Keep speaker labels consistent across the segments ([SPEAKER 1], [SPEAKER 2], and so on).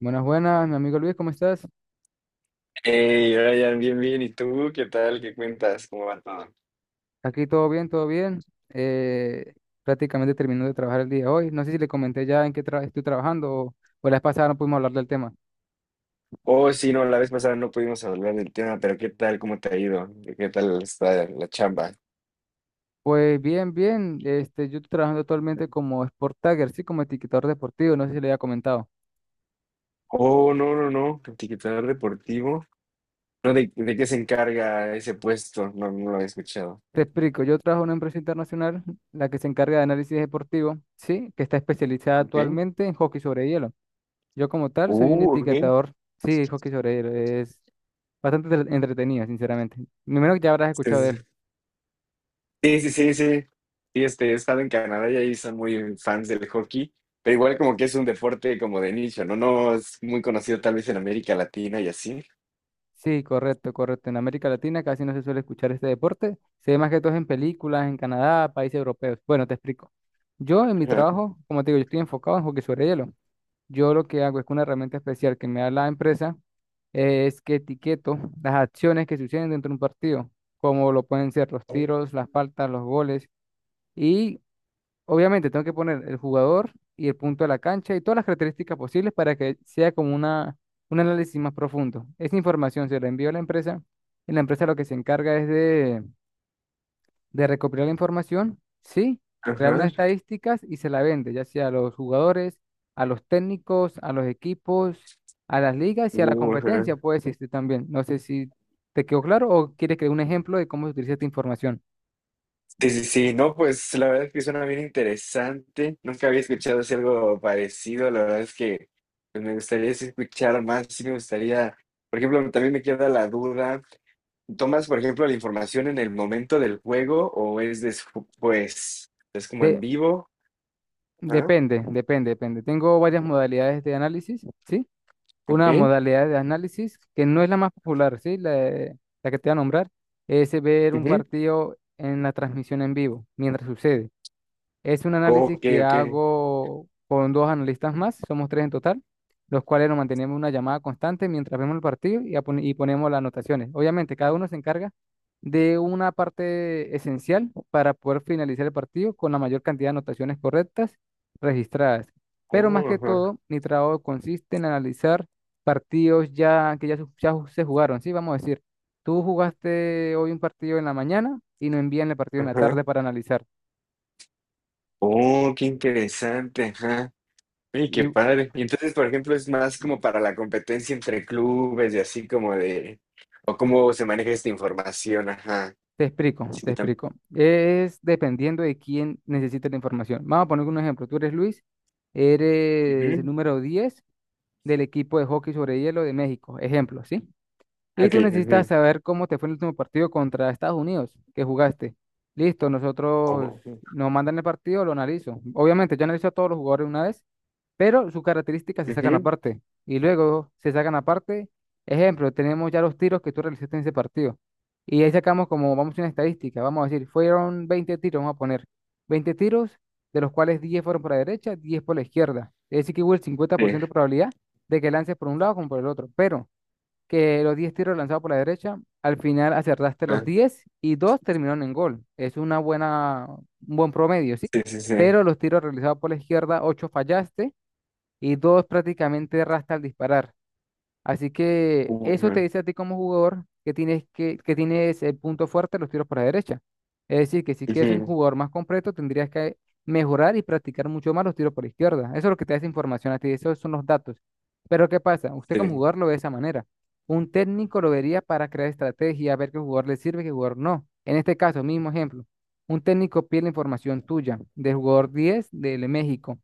[SPEAKER 1] Buenas, buenas, mi amigo Luis, ¿cómo estás?
[SPEAKER 2] Hey, Ryan, bien, bien. ¿Y tú qué tal? ¿Qué cuentas? ¿Cómo va todo?
[SPEAKER 1] Aquí todo bien, todo bien. Eh, prácticamente terminó de trabajar el día de hoy. No sé si le comenté ya en qué estoy trabajando o la vez pasada no pudimos hablar del tema.
[SPEAKER 2] Oh, sí, no, la vez pasada no pudimos hablar del tema, pero ¿qué tal? ¿Cómo te ha ido? ¿Qué tal está la chamba?
[SPEAKER 1] Pues bien, bien. Yo estoy trabajando actualmente como Sport Tagger, sí, como etiquetador deportivo. No sé si le había comentado.
[SPEAKER 2] Oh, no, no, no. Etiquetador deportivo. No, ¿de qué se encarga ese puesto? No, no lo había escuchado.
[SPEAKER 1] Te explico, yo trabajo en una empresa internacional, la que se encarga de análisis deportivo, sí, que está especializada
[SPEAKER 2] Ok.
[SPEAKER 1] actualmente en hockey sobre hielo. Yo como tal soy un
[SPEAKER 2] Ok.
[SPEAKER 1] etiquetador, sí, hockey sobre hielo. Es bastante entretenida, sinceramente. Primero que ya habrás
[SPEAKER 2] Sí,
[SPEAKER 1] escuchado de
[SPEAKER 2] sí,
[SPEAKER 1] él.
[SPEAKER 2] sí, sí, sí. Sí, sí, este, he estado en Canadá y ahí son muy fans del hockey, pero igual como que es un deporte como de nicho, ¿no? No es muy conocido tal vez en América Latina y así.
[SPEAKER 1] Sí, correcto, correcto. En América Latina casi no se suele escuchar este deporte. Se ve más que todo en películas, en Canadá, países europeos. Bueno, te explico. Yo en mi trabajo, como te digo, yo estoy enfocado en hockey sobre hielo. Yo lo que hago es que una herramienta especial que me da la empresa, es que etiqueto las acciones que suceden dentro de un partido, como lo pueden ser los
[SPEAKER 2] Ajá.
[SPEAKER 1] tiros, las faltas, los goles. Y Obviamente, tengo que poner el jugador y el punto de la cancha y todas las características posibles para que sea como un análisis más profundo. Esa información se la envío a la empresa, y la empresa lo que se encarga es de recopilar la información, sí, crear
[SPEAKER 2] Ajá,
[SPEAKER 1] unas estadísticas y se la vende, ya sea a los jugadores, a los técnicos, a los equipos, a las ligas y a la
[SPEAKER 2] ajá.
[SPEAKER 1] competencia, puede existir también. No sé si te quedó claro o quieres que dé un ejemplo de cómo se utiliza esta información.
[SPEAKER 2] Sí, sí, sí, no, pues la verdad es que suena bien interesante. Nunca había escuchado así algo parecido. La verdad es que pues, me gustaría sí escuchar más. Sí, me gustaría, por ejemplo, también me queda la duda. ¿Tomas, por ejemplo, la información en el momento del juego o es después? Es como en
[SPEAKER 1] De
[SPEAKER 2] vivo. Ajá,
[SPEAKER 1] Depende, depende, depende. Tengo varias modalidades de análisis, ¿sí? Una
[SPEAKER 2] ok.
[SPEAKER 1] modalidad de análisis que no es la más popular, ¿sí? La que te voy a nombrar es ver un
[SPEAKER 2] Ujú.
[SPEAKER 1] partido en la transmisión en vivo, mientras sucede. Es un análisis
[SPEAKER 2] Ok,
[SPEAKER 1] que
[SPEAKER 2] ok.
[SPEAKER 1] hago con dos analistas más, somos tres en total, los cuales nos mantenemos una llamada constante mientras vemos el partido y ponemos las anotaciones. Obviamente, cada uno se encarga de una parte esencial para poder finalizar el partido con la mayor cantidad de anotaciones correctas registradas. Pero más
[SPEAKER 2] Oh,
[SPEAKER 1] que
[SPEAKER 2] ajá,
[SPEAKER 1] todo, mi trabajo consiste en analizar partidos ya que ya, se jugaron, ¿sí? Vamos a decir, tú jugaste hoy un partido en la mañana y nos envían el partido en la
[SPEAKER 2] ajá.
[SPEAKER 1] tarde para analizar.
[SPEAKER 2] Oh, qué interesante. Ajá. Oye, qué
[SPEAKER 1] Y
[SPEAKER 2] padre. Y entonces, por ejemplo, es más como para la competencia entre clubes y así como de, o cómo se maneja esta información, ajá.
[SPEAKER 1] Te explico,
[SPEAKER 2] Sí
[SPEAKER 1] te
[SPEAKER 2] que también.
[SPEAKER 1] explico. Es dependiendo de quién necesita la información. Vamos a poner un ejemplo. Tú eres Luis, eres el
[SPEAKER 2] Ujú,
[SPEAKER 1] número 10 del equipo de hockey sobre hielo de México. Ejemplo, ¿sí? Y tú
[SPEAKER 2] okey,
[SPEAKER 1] necesitas
[SPEAKER 2] ujú.
[SPEAKER 1] saber cómo te fue el último partido contra Estados Unidos que jugaste. Listo, nosotros
[SPEAKER 2] Oh, ujú,
[SPEAKER 1] nos mandan el partido, lo analizo. Obviamente, yo analizo a todos los jugadores una vez, pero sus características se sacan aparte. Y luego se sacan aparte. Ejemplo, tenemos ya los tiros que tú realizaste en ese partido. Y ahí sacamos como, vamos a hacer una estadística, vamos a decir, fueron 20 tiros, vamos a poner 20 tiros, de los cuales 10 fueron por la derecha, 10 por la izquierda. Es decir, que hubo el
[SPEAKER 2] sí,
[SPEAKER 1] 50% de probabilidad de que lances por un lado como por el otro. Pero que los 10 tiros lanzados por la derecha, al final acertaste los
[SPEAKER 2] ah,
[SPEAKER 1] 10 y dos terminaron en gol. Es un buen promedio, ¿sí?
[SPEAKER 2] sí, sí, sí,
[SPEAKER 1] Pero los tiros realizados por la izquierda, 8 fallaste y dos prácticamente erraste al disparar. Así que
[SPEAKER 2] ujú,
[SPEAKER 1] eso te dice a ti como jugador que tienes el punto fuerte, de los tiros por la derecha. Es decir, que si quieres ser un
[SPEAKER 2] ujú,
[SPEAKER 1] jugador más completo, tendrías que mejorar y practicar mucho más los tiros por la izquierda. Eso es lo que te da esa información a ti, esos son los datos. Pero ¿qué pasa? Usted como
[SPEAKER 2] sí,
[SPEAKER 1] jugador lo ve de esa manera. Un técnico lo vería para crear estrategia, ver qué jugador le sirve y qué jugador no. En este caso, mismo ejemplo, un técnico pide la información tuya del jugador 10 de México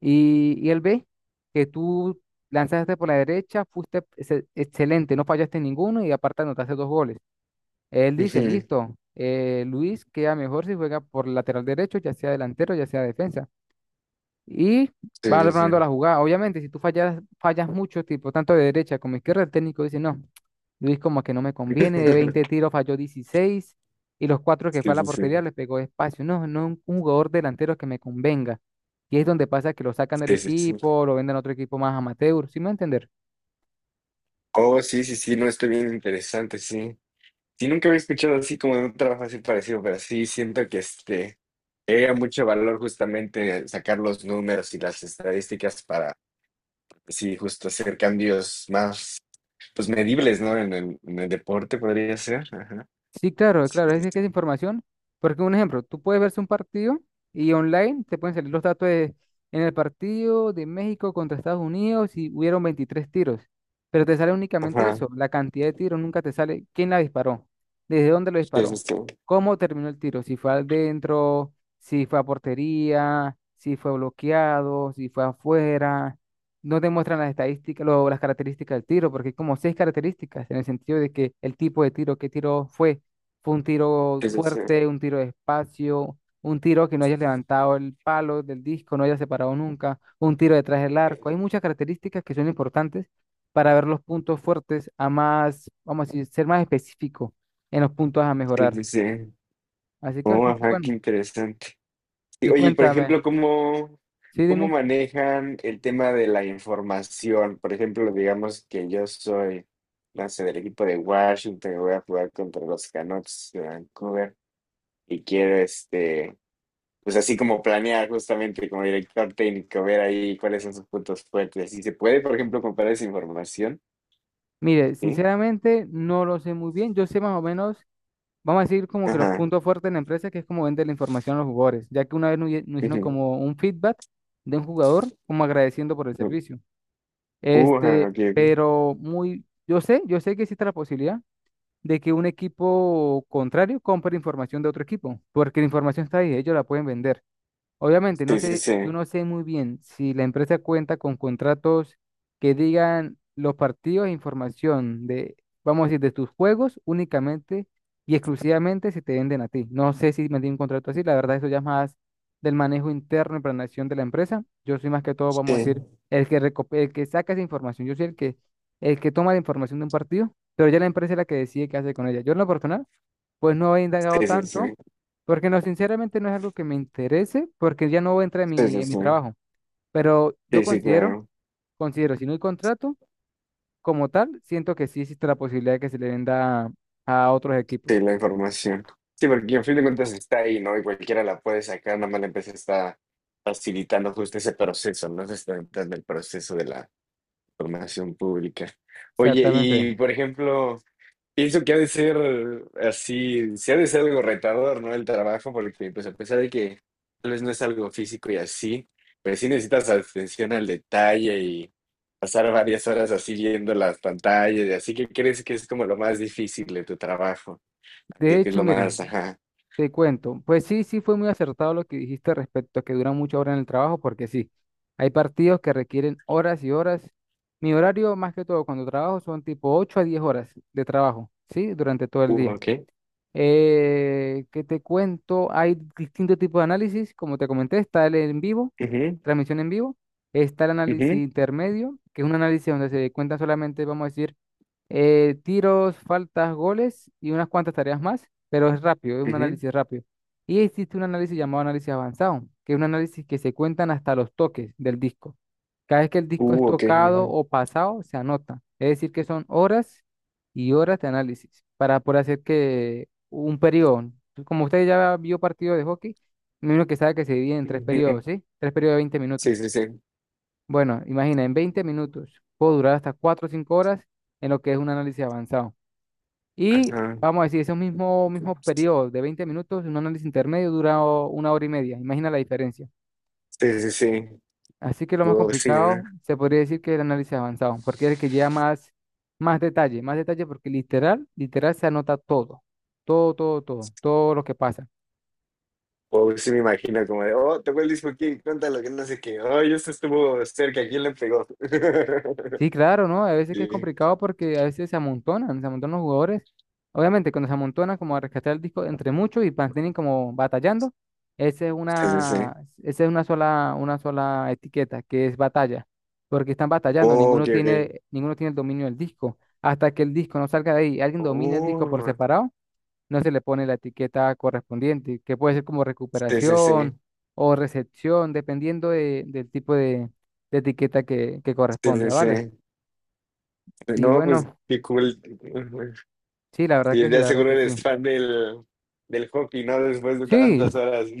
[SPEAKER 1] y, él ve que tú lanzaste por la derecha, fuiste excelente, no fallaste ninguno y aparte anotaste dos goles. Él dice,
[SPEAKER 2] ujú,
[SPEAKER 1] listo, Luis queda mejor si juega por lateral derecho, ya sea delantero, ya sea defensa. Y
[SPEAKER 2] sí,
[SPEAKER 1] va
[SPEAKER 2] sí, sí.
[SPEAKER 1] armando la jugada. Obviamente, si tú fallas, fallas mucho, tipo tanto de derecha como izquierda, el técnico dice, no, Luis como que no me conviene, de 20 tiros falló 16 y los cuatro que fue
[SPEAKER 2] Sí,
[SPEAKER 1] a la
[SPEAKER 2] sí, sí,
[SPEAKER 1] portería les pegó espacio. No, no un jugador delantero que me convenga. Y es donde pasa que lo sacan del
[SPEAKER 2] sí, sí, sí.
[SPEAKER 1] equipo, lo venden a otro equipo más amateur, ¿sí me va a entender?
[SPEAKER 2] Oh, sí, sí, sí, no, está bien interesante, sí. Sí, nunca había escuchado así como de un trabajo así parecido, pero sí siento que este era mucho valor justamente sacar los números y las estadísticas para, pues sí, justo hacer cambios más, pues medibles, ¿no? En el deporte podría ser. Ajá.
[SPEAKER 1] Sí, claro,
[SPEAKER 2] Sí,
[SPEAKER 1] claro, es
[SPEAKER 2] sí,
[SPEAKER 1] de
[SPEAKER 2] sí.
[SPEAKER 1] que es información, porque un ejemplo, tú puedes verse un partido y online te pueden salir los datos de, en el partido de México contra Estados Unidos y hubieron 23 tiros, pero te sale únicamente
[SPEAKER 2] Ajá.
[SPEAKER 1] eso, la cantidad de tiros, nunca te sale quién la disparó, desde dónde lo
[SPEAKER 2] Sí, sí,
[SPEAKER 1] disparó,
[SPEAKER 2] sí.
[SPEAKER 1] cómo terminó el tiro, si fue adentro, si fue a portería, si fue bloqueado, si fue afuera, no te muestran las estadísticas, las características del tiro, porque hay como seis características en el sentido de que el tipo de tiro, qué tiro fue un tiro
[SPEAKER 2] Sí, sí, sí.
[SPEAKER 1] fuerte, un tiro despacio, un tiro que no hayas levantado el palo del disco, no hayas separado nunca, un tiro detrás del arco. Hay muchas características que son importantes para ver los puntos fuertes a más, vamos a decir, ser más específico en los puntos a
[SPEAKER 2] Sí,
[SPEAKER 1] mejorar.
[SPEAKER 2] sí, sí.
[SPEAKER 1] Así que
[SPEAKER 2] Oh,
[SPEAKER 1] bastante
[SPEAKER 2] ajá, qué
[SPEAKER 1] bueno.
[SPEAKER 2] interesante. Y,
[SPEAKER 1] Y
[SPEAKER 2] oye, y por
[SPEAKER 1] cuéntame,
[SPEAKER 2] ejemplo, ¿cómo,
[SPEAKER 1] sí,
[SPEAKER 2] cómo
[SPEAKER 1] dime.
[SPEAKER 2] manejan el tema de la información? Por ejemplo, digamos que yo soy, no sé, del equipo de Washington, y voy a jugar contra los Canucks de Vancouver y quiero, este, pues así como planear justamente como director técnico, ver ahí cuáles son sus puntos fuertes. ¿Y se puede, por ejemplo, comparar esa información?
[SPEAKER 1] Mire,
[SPEAKER 2] Sí.
[SPEAKER 1] sinceramente no lo sé muy bien. Yo sé más o menos. Vamos a decir como que los
[SPEAKER 2] Ajá.
[SPEAKER 1] puntos fuertes de la empresa, que es como vender la información a los jugadores, ya que una vez nos hicieron
[SPEAKER 2] Ujú,
[SPEAKER 1] como un feedback de un jugador, como agradeciendo por el
[SPEAKER 2] ujú.
[SPEAKER 1] servicio.
[SPEAKER 2] Ajá, ok, ok.
[SPEAKER 1] Pero yo sé que existe la posibilidad de que un equipo contrario compre información de otro equipo, porque la información está ahí, ellos la pueden vender. Obviamente, no
[SPEAKER 2] Sí, sí,
[SPEAKER 1] sé, yo
[SPEAKER 2] sí.
[SPEAKER 1] no sé muy bien si la empresa cuenta con contratos que digan los partidos e información de, vamos a decir, de tus juegos únicamente y exclusivamente se te venden a ti. No sé si me un contrato así, la verdad eso ya es más del manejo interno y planeación de la empresa. Yo soy más que todo, vamos a
[SPEAKER 2] Sí,
[SPEAKER 1] decir, el que saca esa información. Yo soy el que toma la información de un partido, pero ya la empresa es la que decide qué hace con ella. Yo en lo personal, pues no he indagado
[SPEAKER 2] sí, sí, sí.
[SPEAKER 1] tanto porque no, sinceramente no es algo que me interese, porque ya no entra en
[SPEAKER 2] Sí,
[SPEAKER 1] mi,
[SPEAKER 2] sí,
[SPEAKER 1] en mi
[SPEAKER 2] sí.
[SPEAKER 1] trabajo. Pero yo
[SPEAKER 2] Sí, sí,
[SPEAKER 1] considero,
[SPEAKER 2] claro.
[SPEAKER 1] considero, si no hay contrato, como tal, siento que sí existe la posibilidad de que se le venda a otros
[SPEAKER 2] Sí,
[SPEAKER 1] equipos.
[SPEAKER 2] la información. Sí, porque en fin de cuentas está ahí, ¿no? Y cualquiera la puede sacar, nada más la empresa está facilitando justo ese proceso, ¿no? Se está entrando el proceso de la formación pública. Oye,
[SPEAKER 1] Exactamente.
[SPEAKER 2] y por ejemplo, pienso que ha de ser así, sí ha de ser algo retador, ¿no? El trabajo, porque pues a pesar de que tal vez no es algo físico y así, pues sí necesitas atención al detalle y pasar varias horas así viendo las pantallas y así que crees que es como lo más difícil de tu trabajo.
[SPEAKER 1] De
[SPEAKER 2] Creo que es
[SPEAKER 1] hecho,
[SPEAKER 2] lo
[SPEAKER 1] mire,
[SPEAKER 2] más, ajá.
[SPEAKER 1] te cuento, pues sí, sí fue muy acertado lo que dijiste respecto a que dura muchas horas en el trabajo, porque sí, hay partidos que requieren horas y horas. Mi horario, más que todo, cuando trabajo, son tipo 8 a 10 horas de trabajo, ¿sí? Durante todo el día.
[SPEAKER 2] Ok.
[SPEAKER 1] ¿Qué te cuento? Hay distintos tipos de análisis, como te comenté, está el en vivo,
[SPEAKER 2] Ujú,
[SPEAKER 1] transmisión en vivo, está el análisis
[SPEAKER 2] ujú,
[SPEAKER 1] intermedio, que es un análisis donde se cuentan solamente, vamos a decir, tiros, faltas, goles y unas cuantas tareas más, pero es rápido, es un
[SPEAKER 2] ujú.
[SPEAKER 1] análisis rápido. Y existe un análisis llamado análisis avanzado, que es un análisis que se cuentan hasta los toques del disco. Cada vez que el disco es
[SPEAKER 2] Ok.
[SPEAKER 1] tocado
[SPEAKER 2] Ujú,
[SPEAKER 1] o pasado, se anota. Es decir, que son horas y horas de análisis para poder hacer que un periodo. Como usted ya vio partido de hockey, me imagino que sabe que se divide en tres periodos,
[SPEAKER 2] ujú.
[SPEAKER 1] ¿sí? Tres periodos de 20 minutos.
[SPEAKER 2] Sí, sí, sí.
[SPEAKER 1] Bueno, imagina, en 20 minutos puedo durar hasta 4 o 5 horas en lo que es un análisis avanzado. Y
[SPEAKER 2] Ajá.
[SPEAKER 1] vamos a decir, ese mismo periodo de 20 minutos, un análisis intermedio dura una hora y media. Imagina la diferencia.
[SPEAKER 2] Sí, sí, sí.
[SPEAKER 1] Así que lo más
[SPEAKER 2] Wow, sí, ¿no?
[SPEAKER 1] complicado se podría decir que es el análisis avanzado, porque es el que lleva más detalle porque literal, literal se anota todo, todo, todo, todo, todo lo que pasa.
[SPEAKER 2] Wow, sí me imagino como de, oh, tocó el disco aquí, cuéntalo, que no sé qué. Oh, esto estuvo cerca, ¿quién le pegó?
[SPEAKER 1] Sí, claro, ¿no? A veces que es
[SPEAKER 2] Sí,
[SPEAKER 1] complicado porque a veces se amontonan los jugadores. Obviamente, cuando se amontonan como a rescatar el disco entre muchos y mantienen como batallando, esa es
[SPEAKER 2] sí, sí,
[SPEAKER 1] una,
[SPEAKER 2] sí.
[SPEAKER 1] esa es una sola etiqueta, que es batalla, porque están batallando,
[SPEAKER 2] Oh, ok, ok.
[SPEAKER 1] ninguno tiene el dominio del disco. Hasta que el disco no salga de ahí, y alguien domina el disco por
[SPEAKER 2] Oh,
[SPEAKER 1] separado, no se le pone la etiqueta correspondiente, que puede ser como
[SPEAKER 2] sí, sí, sí.
[SPEAKER 1] recuperación o recepción, dependiendo del tipo de, etiqueta que
[SPEAKER 2] Sí,
[SPEAKER 1] corresponda,
[SPEAKER 2] sí,
[SPEAKER 1] ¿vale?
[SPEAKER 2] sí.
[SPEAKER 1] Y
[SPEAKER 2] No, pues,
[SPEAKER 1] bueno,
[SPEAKER 2] qué cool.
[SPEAKER 1] sí, la verdad que
[SPEAKER 2] Sí,
[SPEAKER 1] sí,
[SPEAKER 2] ya
[SPEAKER 1] la verdad
[SPEAKER 2] seguro
[SPEAKER 1] que sí.
[SPEAKER 2] eres fan del, del hockey, ¿no? Después de
[SPEAKER 1] Sí,
[SPEAKER 2] tantas horas.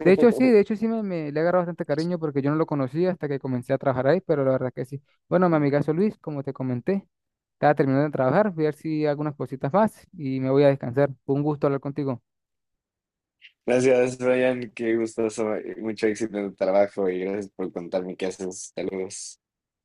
[SPEAKER 1] de hecho sí, de hecho sí me le agarró bastante cariño porque yo no lo conocía hasta que comencé a trabajar ahí, pero la verdad que sí. Bueno, mi amigazo Luis, como te comenté, estaba terminando de trabajar, voy a ver si hago unas cositas más y me voy a descansar. Fue un gusto hablar contigo.
[SPEAKER 2] Gracias, Brian. Qué gustoso. Mucho éxito en tu trabajo y gracias por contarme qué haces. Saludos.